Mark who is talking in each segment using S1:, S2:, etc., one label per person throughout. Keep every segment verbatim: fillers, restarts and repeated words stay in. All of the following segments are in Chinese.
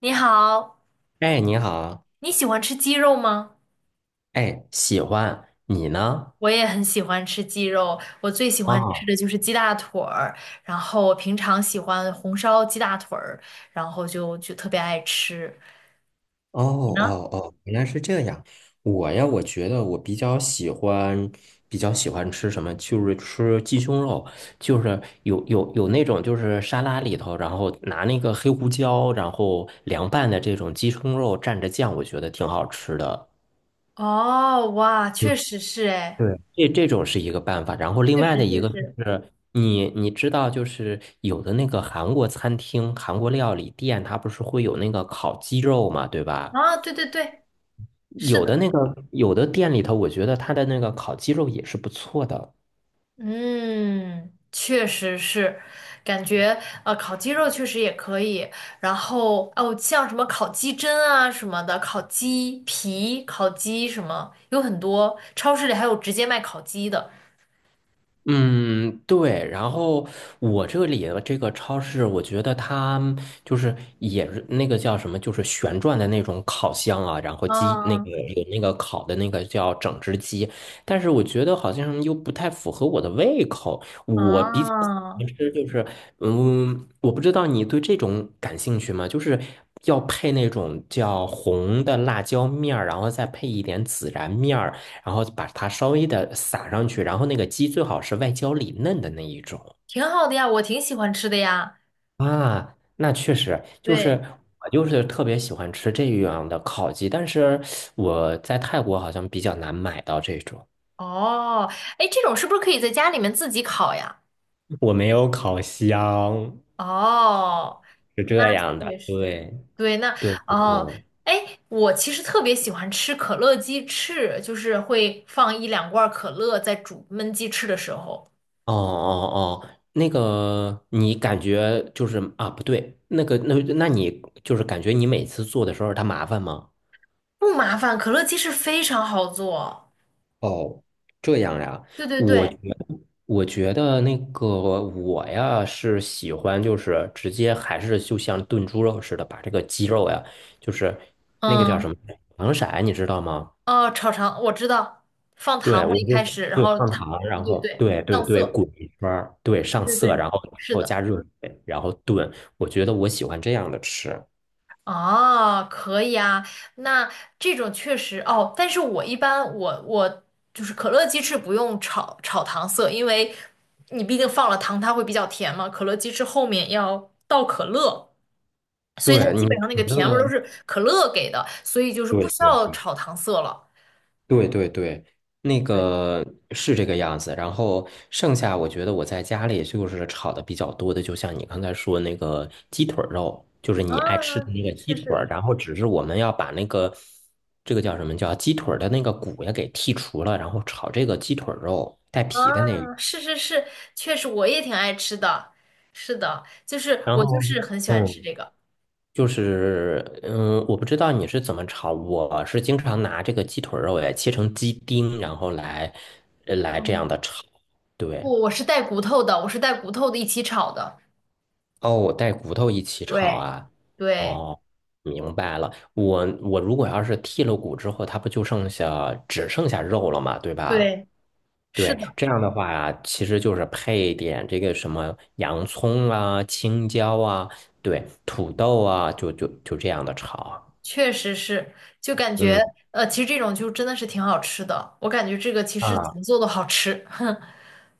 S1: 你好，
S2: 哎，你好，
S1: 你喜欢吃鸡肉吗？
S2: 哎，喜欢你呢？
S1: 我也很喜欢吃鸡肉，我最喜
S2: 啊，
S1: 欢吃
S2: 哦
S1: 的就是鸡大腿儿，然后我平常喜欢红烧鸡大腿儿，然后就就特别爱吃。
S2: 哦
S1: 你呢？
S2: 哦，原来是这样。我呀，我觉得我比较喜欢，比较喜欢吃什么，就是吃鸡胸肉，就是有有有那种就是沙拉里头，然后拿那个黑胡椒，然后凉拌的这种鸡胸肉蘸着酱，我觉得挺好吃的。
S1: 哦，哇，确实是哎，
S2: 对，这这种是一个办法，然后另
S1: 确
S2: 外
S1: 实
S2: 的
S1: 确
S2: 一个就
S1: 实
S2: 是你你知道，就是有的那个韩国餐厅、韩国料理店，它不是会有那个烤鸡肉嘛，对吧？
S1: 啊，对对对，是
S2: 有的
S1: 的。
S2: 那个有的店里头，我觉得它的那个烤鸡肉也是不错的。
S1: 嗯，确实是，感觉呃烤鸡肉确实也可以，然后哦像什么烤鸡胗啊什么的，烤鸡皮、烤鸡什么，有很多超市里还有直接卖烤鸡的。
S2: 嗯，对。然后我这里的这个超市，我觉得它就是也是那个叫什么，就是旋转的那种烤箱啊，然后鸡那个
S1: 嗯
S2: 有那个烤的那个叫整只鸡，但是我觉得好像又不太符合我的胃口。
S1: 嗯，
S2: 我比较喜
S1: 啊
S2: 欢吃就是，嗯，我不知道你对这种感兴趣吗？就是要配那种叫红的辣椒面儿，然后再配一点孜然面儿。然后把它稍微的撒上去，然后那个鸡最好是外焦里嫩的那一种
S1: 挺好的呀，我挺喜欢吃的呀。
S2: 啊。那确实就是
S1: 对，
S2: 我就是特别喜欢吃这样的烤鸡，但是我在泰国好像比较难买到这种，
S1: 哦，哎，这种是不是可以在家里面自己烤呀？
S2: 我没有烤箱，
S1: 哦，
S2: 是
S1: 那
S2: 这样的。
S1: 确实，
S2: 对
S1: 对，那
S2: 对对
S1: 哦，
S2: 对，
S1: 哎，我其实特别喜欢吃可乐鸡翅，就是会放一两罐可乐在煮焖鸡翅的时候，
S2: 哦哦哦，那个你感觉就是啊，不对，那个那那你就是感觉你每次做的时候它麻烦吗？
S1: 不麻烦，可乐鸡翅非常好做。
S2: 哦，这样呀，
S1: 对对
S2: 我觉
S1: 对，
S2: 得我觉得那个我呀是喜欢，就是直接还是就像炖猪肉似的，把这个鸡肉呀，就是那个叫什
S1: 嗯，
S2: 么糖色，你知道吗？
S1: 哦，炒肠我知道，放
S2: 对，
S1: 糖
S2: 我
S1: 嘛一
S2: 就
S1: 开始，然
S2: 对
S1: 后
S2: 放
S1: 它，
S2: 糖，
S1: 对
S2: 然
S1: 对
S2: 后
S1: 对，
S2: 对对
S1: 上
S2: 对
S1: 色，
S2: 滚一圈儿，对
S1: 对
S2: 上
S1: 对
S2: 色，
S1: 对，
S2: 然后然
S1: 是
S2: 后
S1: 的。
S2: 加热水，然后炖。我觉得我喜欢这样的吃。
S1: 哦，可以啊，那这种确实哦，但是我一般我我就是可乐鸡翅不用炒炒糖色，因为你毕竟放了糖，它会比较甜嘛。可乐鸡翅后面要倒可乐，所以它
S2: 对
S1: 基
S2: 你
S1: 本上那
S2: 可
S1: 个甜味儿都
S2: 乐，
S1: 是可乐给的，所以就是不
S2: 对
S1: 需要
S2: 对
S1: 炒糖色了。
S2: 对对对，那
S1: 对，
S2: 个是这个样子。然后剩下，我觉得我在家里就是炒的比较多的，就像你刚才说那个鸡腿儿肉，就是
S1: 啊，
S2: 你爱吃的那个
S1: 是
S2: 鸡
S1: 是
S2: 腿儿
S1: 是，
S2: 然后只是我们要把那个这个叫什么叫鸡腿儿的那个骨也给剔除了，然后炒这个鸡腿儿肉带皮的那个。
S1: 啊，是是是，确实我也挺爱吃的，是的，就是
S2: 然
S1: 我就
S2: 后
S1: 是很喜欢吃
S2: 嗯，
S1: 这个。
S2: 就是嗯，我不知道你是怎么炒，我是经常拿这个鸡腿儿肉也切成鸡丁，然后来呃来这样的炒。对。
S1: 不，我是带骨头的，我是带骨头的一起炒的。
S2: 哦，我带骨头一起炒
S1: 对，
S2: 啊。
S1: 对，
S2: 哦，明白了。我我如果要是剔了骨之后，它不就剩下只剩下肉了嘛，对吧？
S1: 对，是
S2: 对，
S1: 的，
S2: 这样的话，其实就是配一点这个什么洋葱啊、青椒啊，对，土豆啊，就就就这样的炒啊。
S1: 确实是，就感
S2: 嗯
S1: 觉呃，其实这种就真的是挺好吃的。我感觉这个其实怎
S2: 啊，
S1: 么做都好吃。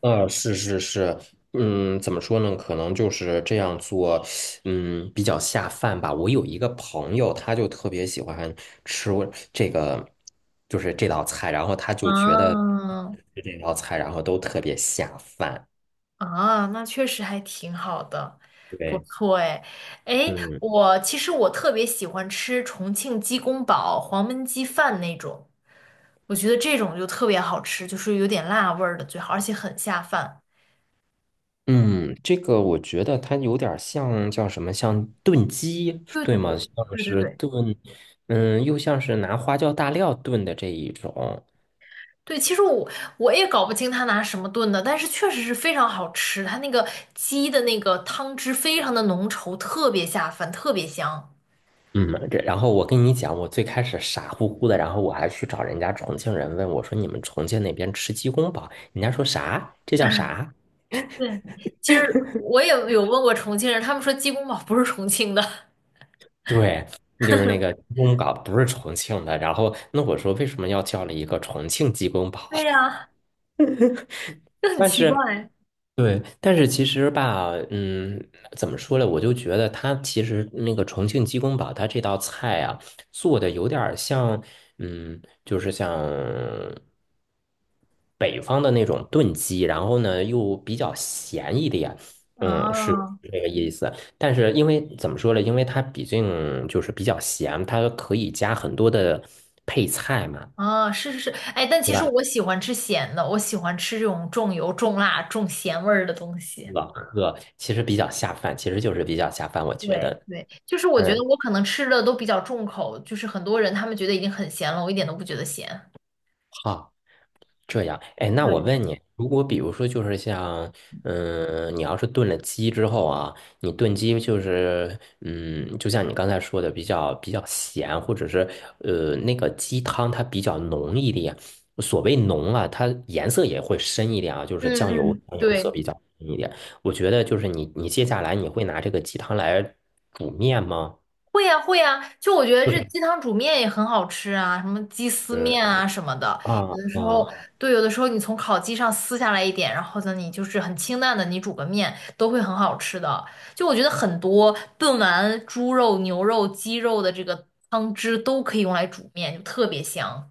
S2: 啊，是是是，嗯，怎么说呢？可能就是这样做，嗯，比较下饭吧。我有一个朋友，他就特别喜欢吃我这个，就是这道菜，然后他就觉得
S1: 啊
S2: 吃这道菜，然后都特别下饭。
S1: 啊，那确实还挺好的，不
S2: 对，
S1: 错哎。哎，
S2: 嗯
S1: 我其实我特别喜欢吃重庆鸡公煲、黄焖鸡饭那种，我觉得这种就特别好吃，就是有点辣味儿的最好，而且很下饭。
S2: 嗯，这个我觉得它有点儿像叫什么，像炖鸡，
S1: 对
S2: 对
S1: 对
S2: 吗？
S1: 对
S2: 像
S1: 对对
S2: 是
S1: 对。
S2: 炖，嗯，又像是拿花椒大料炖的这一种。
S1: 对，其实我我也搞不清他拿什么炖的，但是确实是非常好吃，它那个鸡的那个汤汁非常的浓稠，特别下饭，特别香。
S2: 嗯，这然后我跟你讲，我最开始傻乎乎的，然后我还去找人家重庆人问我说：“你们重庆那边吃鸡公煲？”人家说啥？这叫啥？
S1: 对，其实我也有问过重庆人，他们说鸡公煲不是重庆的，
S2: 对，就是那个鸡公煲不是重庆的。然后那我说为什么要叫了一个重庆鸡公煲？
S1: 对呀，就很
S2: 但
S1: 奇
S2: 是
S1: 怪。
S2: 对，但是其实吧，嗯，怎么说呢？我就觉得它其实那个重庆鸡公煲，它这道菜啊，做的有点儿像，嗯，就是像北方的那种炖鸡，然后呢又比较咸一点，嗯，是
S1: 啊
S2: 这个意思。但是因为怎么说呢？因为它毕竟就是比较咸，它可以加很多的配菜嘛，
S1: 啊，是是是，哎，但其
S2: 对
S1: 实
S2: 吧？
S1: 我喜欢吃咸的，我喜欢吃这种重油、重辣、重咸味儿的东西。
S2: 老喝其实比较下饭，其实就是比较下饭，我觉
S1: 对
S2: 得。
S1: 对，就是我觉得
S2: 嗯。
S1: 我可能吃的都比较重口，就是很多人他们觉得已经很咸了，我一点都不觉得咸。
S2: 好，这样，哎，那我
S1: 对，
S2: 问你，如果比如说就是像，嗯，你要是炖了鸡之后啊，你炖鸡就是，嗯，就像你刚才说的，比较比较咸，或者是呃那个鸡汤它比较浓一点。所谓浓啊，它颜色也会深一点啊，就是
S1: 嗯
S2: 酱油
S1: 嗯，
S2: 酱油色
S1: 对，
S2: 比较深一点。我觉得就是你你接下来你会拿这个鸡汤来煮面吗？
S1: 会呀、会呀、就我觉得这鸡汤煮面也很好吃啊，什么鸡丝
S2: 嗯
S1: 面啊什么的，
S2: 啊
S1: 有的时候，
S2: 啊
S1: 对，有的时候你从烤鸡上撕下来一点，然后呢，你就是很清淡的，你煮个面都会很好吃的。就我觉得很多炖完猪肉、牛肉、鸡肉的这个汤汁都可以用来煮面，就特别香。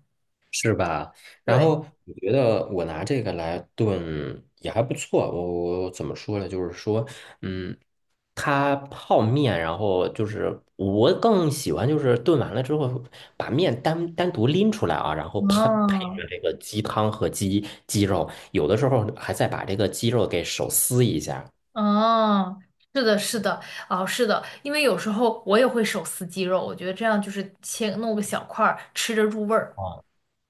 S2: 是吧？然
S1: 对，
S2: 后嗯我觉得我拿这个来炖也还不错。我我怎么说呢？就是说，嗯，它泡面，然后就是我更喜欢就是炖完了之后把面单单独拎出来啊，然后配配
S1: 嗯，
S2: 着这个鸡汤和鸡鸡肉，有的时候还再把这个鸡肉给手撕一下。
S1: 哦，是的，是的，哦，是的，因为有时候我也会手撕鸡肉，我觉得这样就是切弄个小块儿，吃着入味儿。
S2: 哦，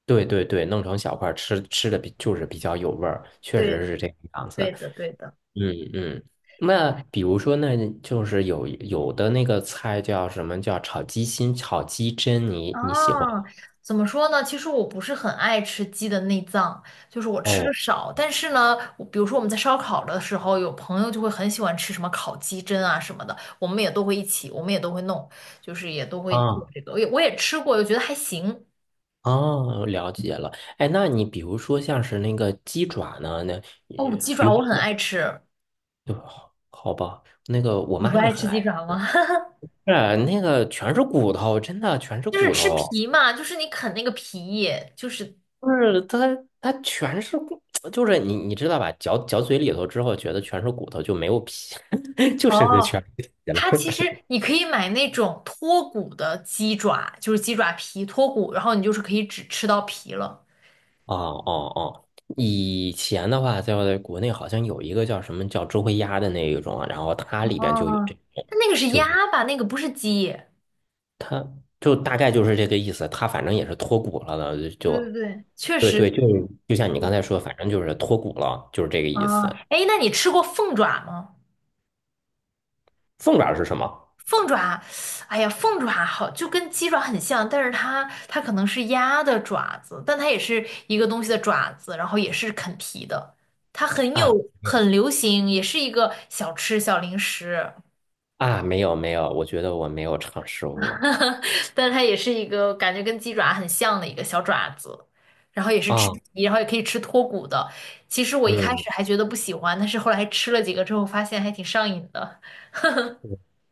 S2: 对对对，弄成小块儿吃，吃的比就是比较有味儿，确实
S1: 对，
S2: 是这个样子。
S1: 对的，对的。
S2: 嗯嗯，那比如说，那就是有有的那个菜叫什么叫炒鸡心、炒鸡胗，你你喜欢
S1: 啊，
S2: 吗？
S1: 怎么说呢？其实我不是很爱吃鸡的内脏，就是我吃的
S2: 哦，
S1: 少。但是呢，我比如说我们在烧烤的时候，有朋友就会很喜欢吃什么烤鸡胗啊什么的，我们也都会一起，我们也都会弄，就是也都会做
S2: 啊
S1: 这个。我也我也吃过，我觉得还行。
S2: 哦，了解了。哎，那你比如说像是那个鸡爪呢，那
S1: 哦，
S2: 也
S1: 鸡
S2: 比
S1: 爪
S2: 如说
S1: 我很
S2: 像，
S1: 爱吃，
S2: 对好好吧，那个我
S1: 你不
S2: 妈也
S1: 爱
S2: 很
S1: 吃鸡
S2: 爱
S1: 爪吗？
S2: 是那个全是骨头，真的全是
S1: 就是
S2: 骨
S1: 吃
S2: 头，
S1: 皮嘛，就是你啃那个皮，就是
S2: 就是它它全是骨，就是你你知道吧，嚼嚼嘴里头之后，觉得全是骨头就没有皮，就剩下
S1: 哦，
S2: 全是皮了。
S1: 它其实你可以买那种脱骨的鸡爪，就是鸡爪皮脱骨，然后你就是可以只吃到皮了。
S2: 哦哦哦，以前的话，在国内好像有一个叫什么叫周黑鸭的那一种啊然后它里
S1: 哦，
S2: 边就有这种，
S1: 但那个是鸭吧，那个不是鸡，
S2: 就大概就是这个意思。它反正也是脱骨了的，
S1: 对对
S2: 就
S1: 对，确
S2: 对
S1: 实
S2: 对，就
S1: 是。
S2: 就像你刚
S1: 对
S2: 才说，反正就是脱骨了，就是这个
S1: 啊，
S2: 意思。
S1: 哎，那你吃过凤爪吗？
S2: 凤爪是什么
S1: 凤爪，哎呀，凤爪好，就跟鸡爪很像，但是它它可能是鸭的爪子，但它也是一个东西的爪子，然后也是啃皮的，它很有
S2: 啊？没有
S1: 很流行，也是一个小吃小零食，
S2: 啊，没有没有，我觉得我没有尝试过
S1: 但是它也是一个感觉跟鸡爪很像的一个小爪子，然后也是吃
S2: 啊。
S1: 皮，然后也可以吃脱骨的。其实我一开
S2: 嗯，
S1: 始还觉得不喜欢，但是后来吃了几个之后，发现还挺上瘾的。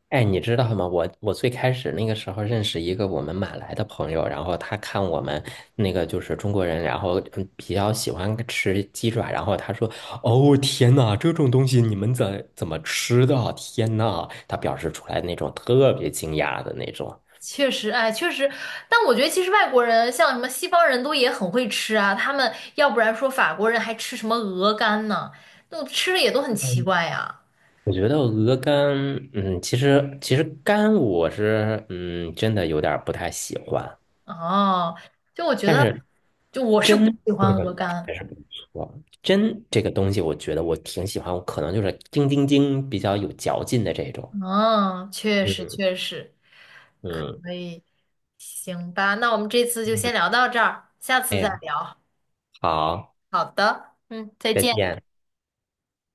S2: 哎，你知道吗？我我最开始那个时候认识一个我们马来的朋友，然后他看我们那个就是中国人，然后嗯比较喜欢吃鸡爪，然后他说：“哦，天呐，这种东西你们怎怎么吃的啊？天呐！”他表示出来那种特别惊讶的那种。
S1: 确实，哎，确实，但我觉得其实外国人像什么西方人都也很会吃啊，他们要不然说法国人还吃什么鹅肝呢，那吃的也都很奇怪呀。
S2: 我觉得鹅肝，嗯，其实其实肝我是嗯真的有点儿不太喜欢，
S1: 哦，就我觉
S2: 但
S1: 得，
S2: 是
S1: 就我是不
S2: 真
S1: 喜
S2: 这
S1: 欢
S2: 个
S1: 鹅肝。
S2: 还是不错，真这个东西我觉得我挺喜欢，我可能就是叮叮叮比较有嚼劲的这种。
S1: 嗯，确实
S2: 嗯
S1: 确实，
S2: 嗯
S1: 所以行吧，那我们这次就
S2: 嗯，
S1: 先聊到这儿，下
S2: 哎
S1: 次再
S2: 呀，
S1: 聊。
S2: 好，
S1: 好的，嗯，再
S2: 再
S1: 见。
S2: 见。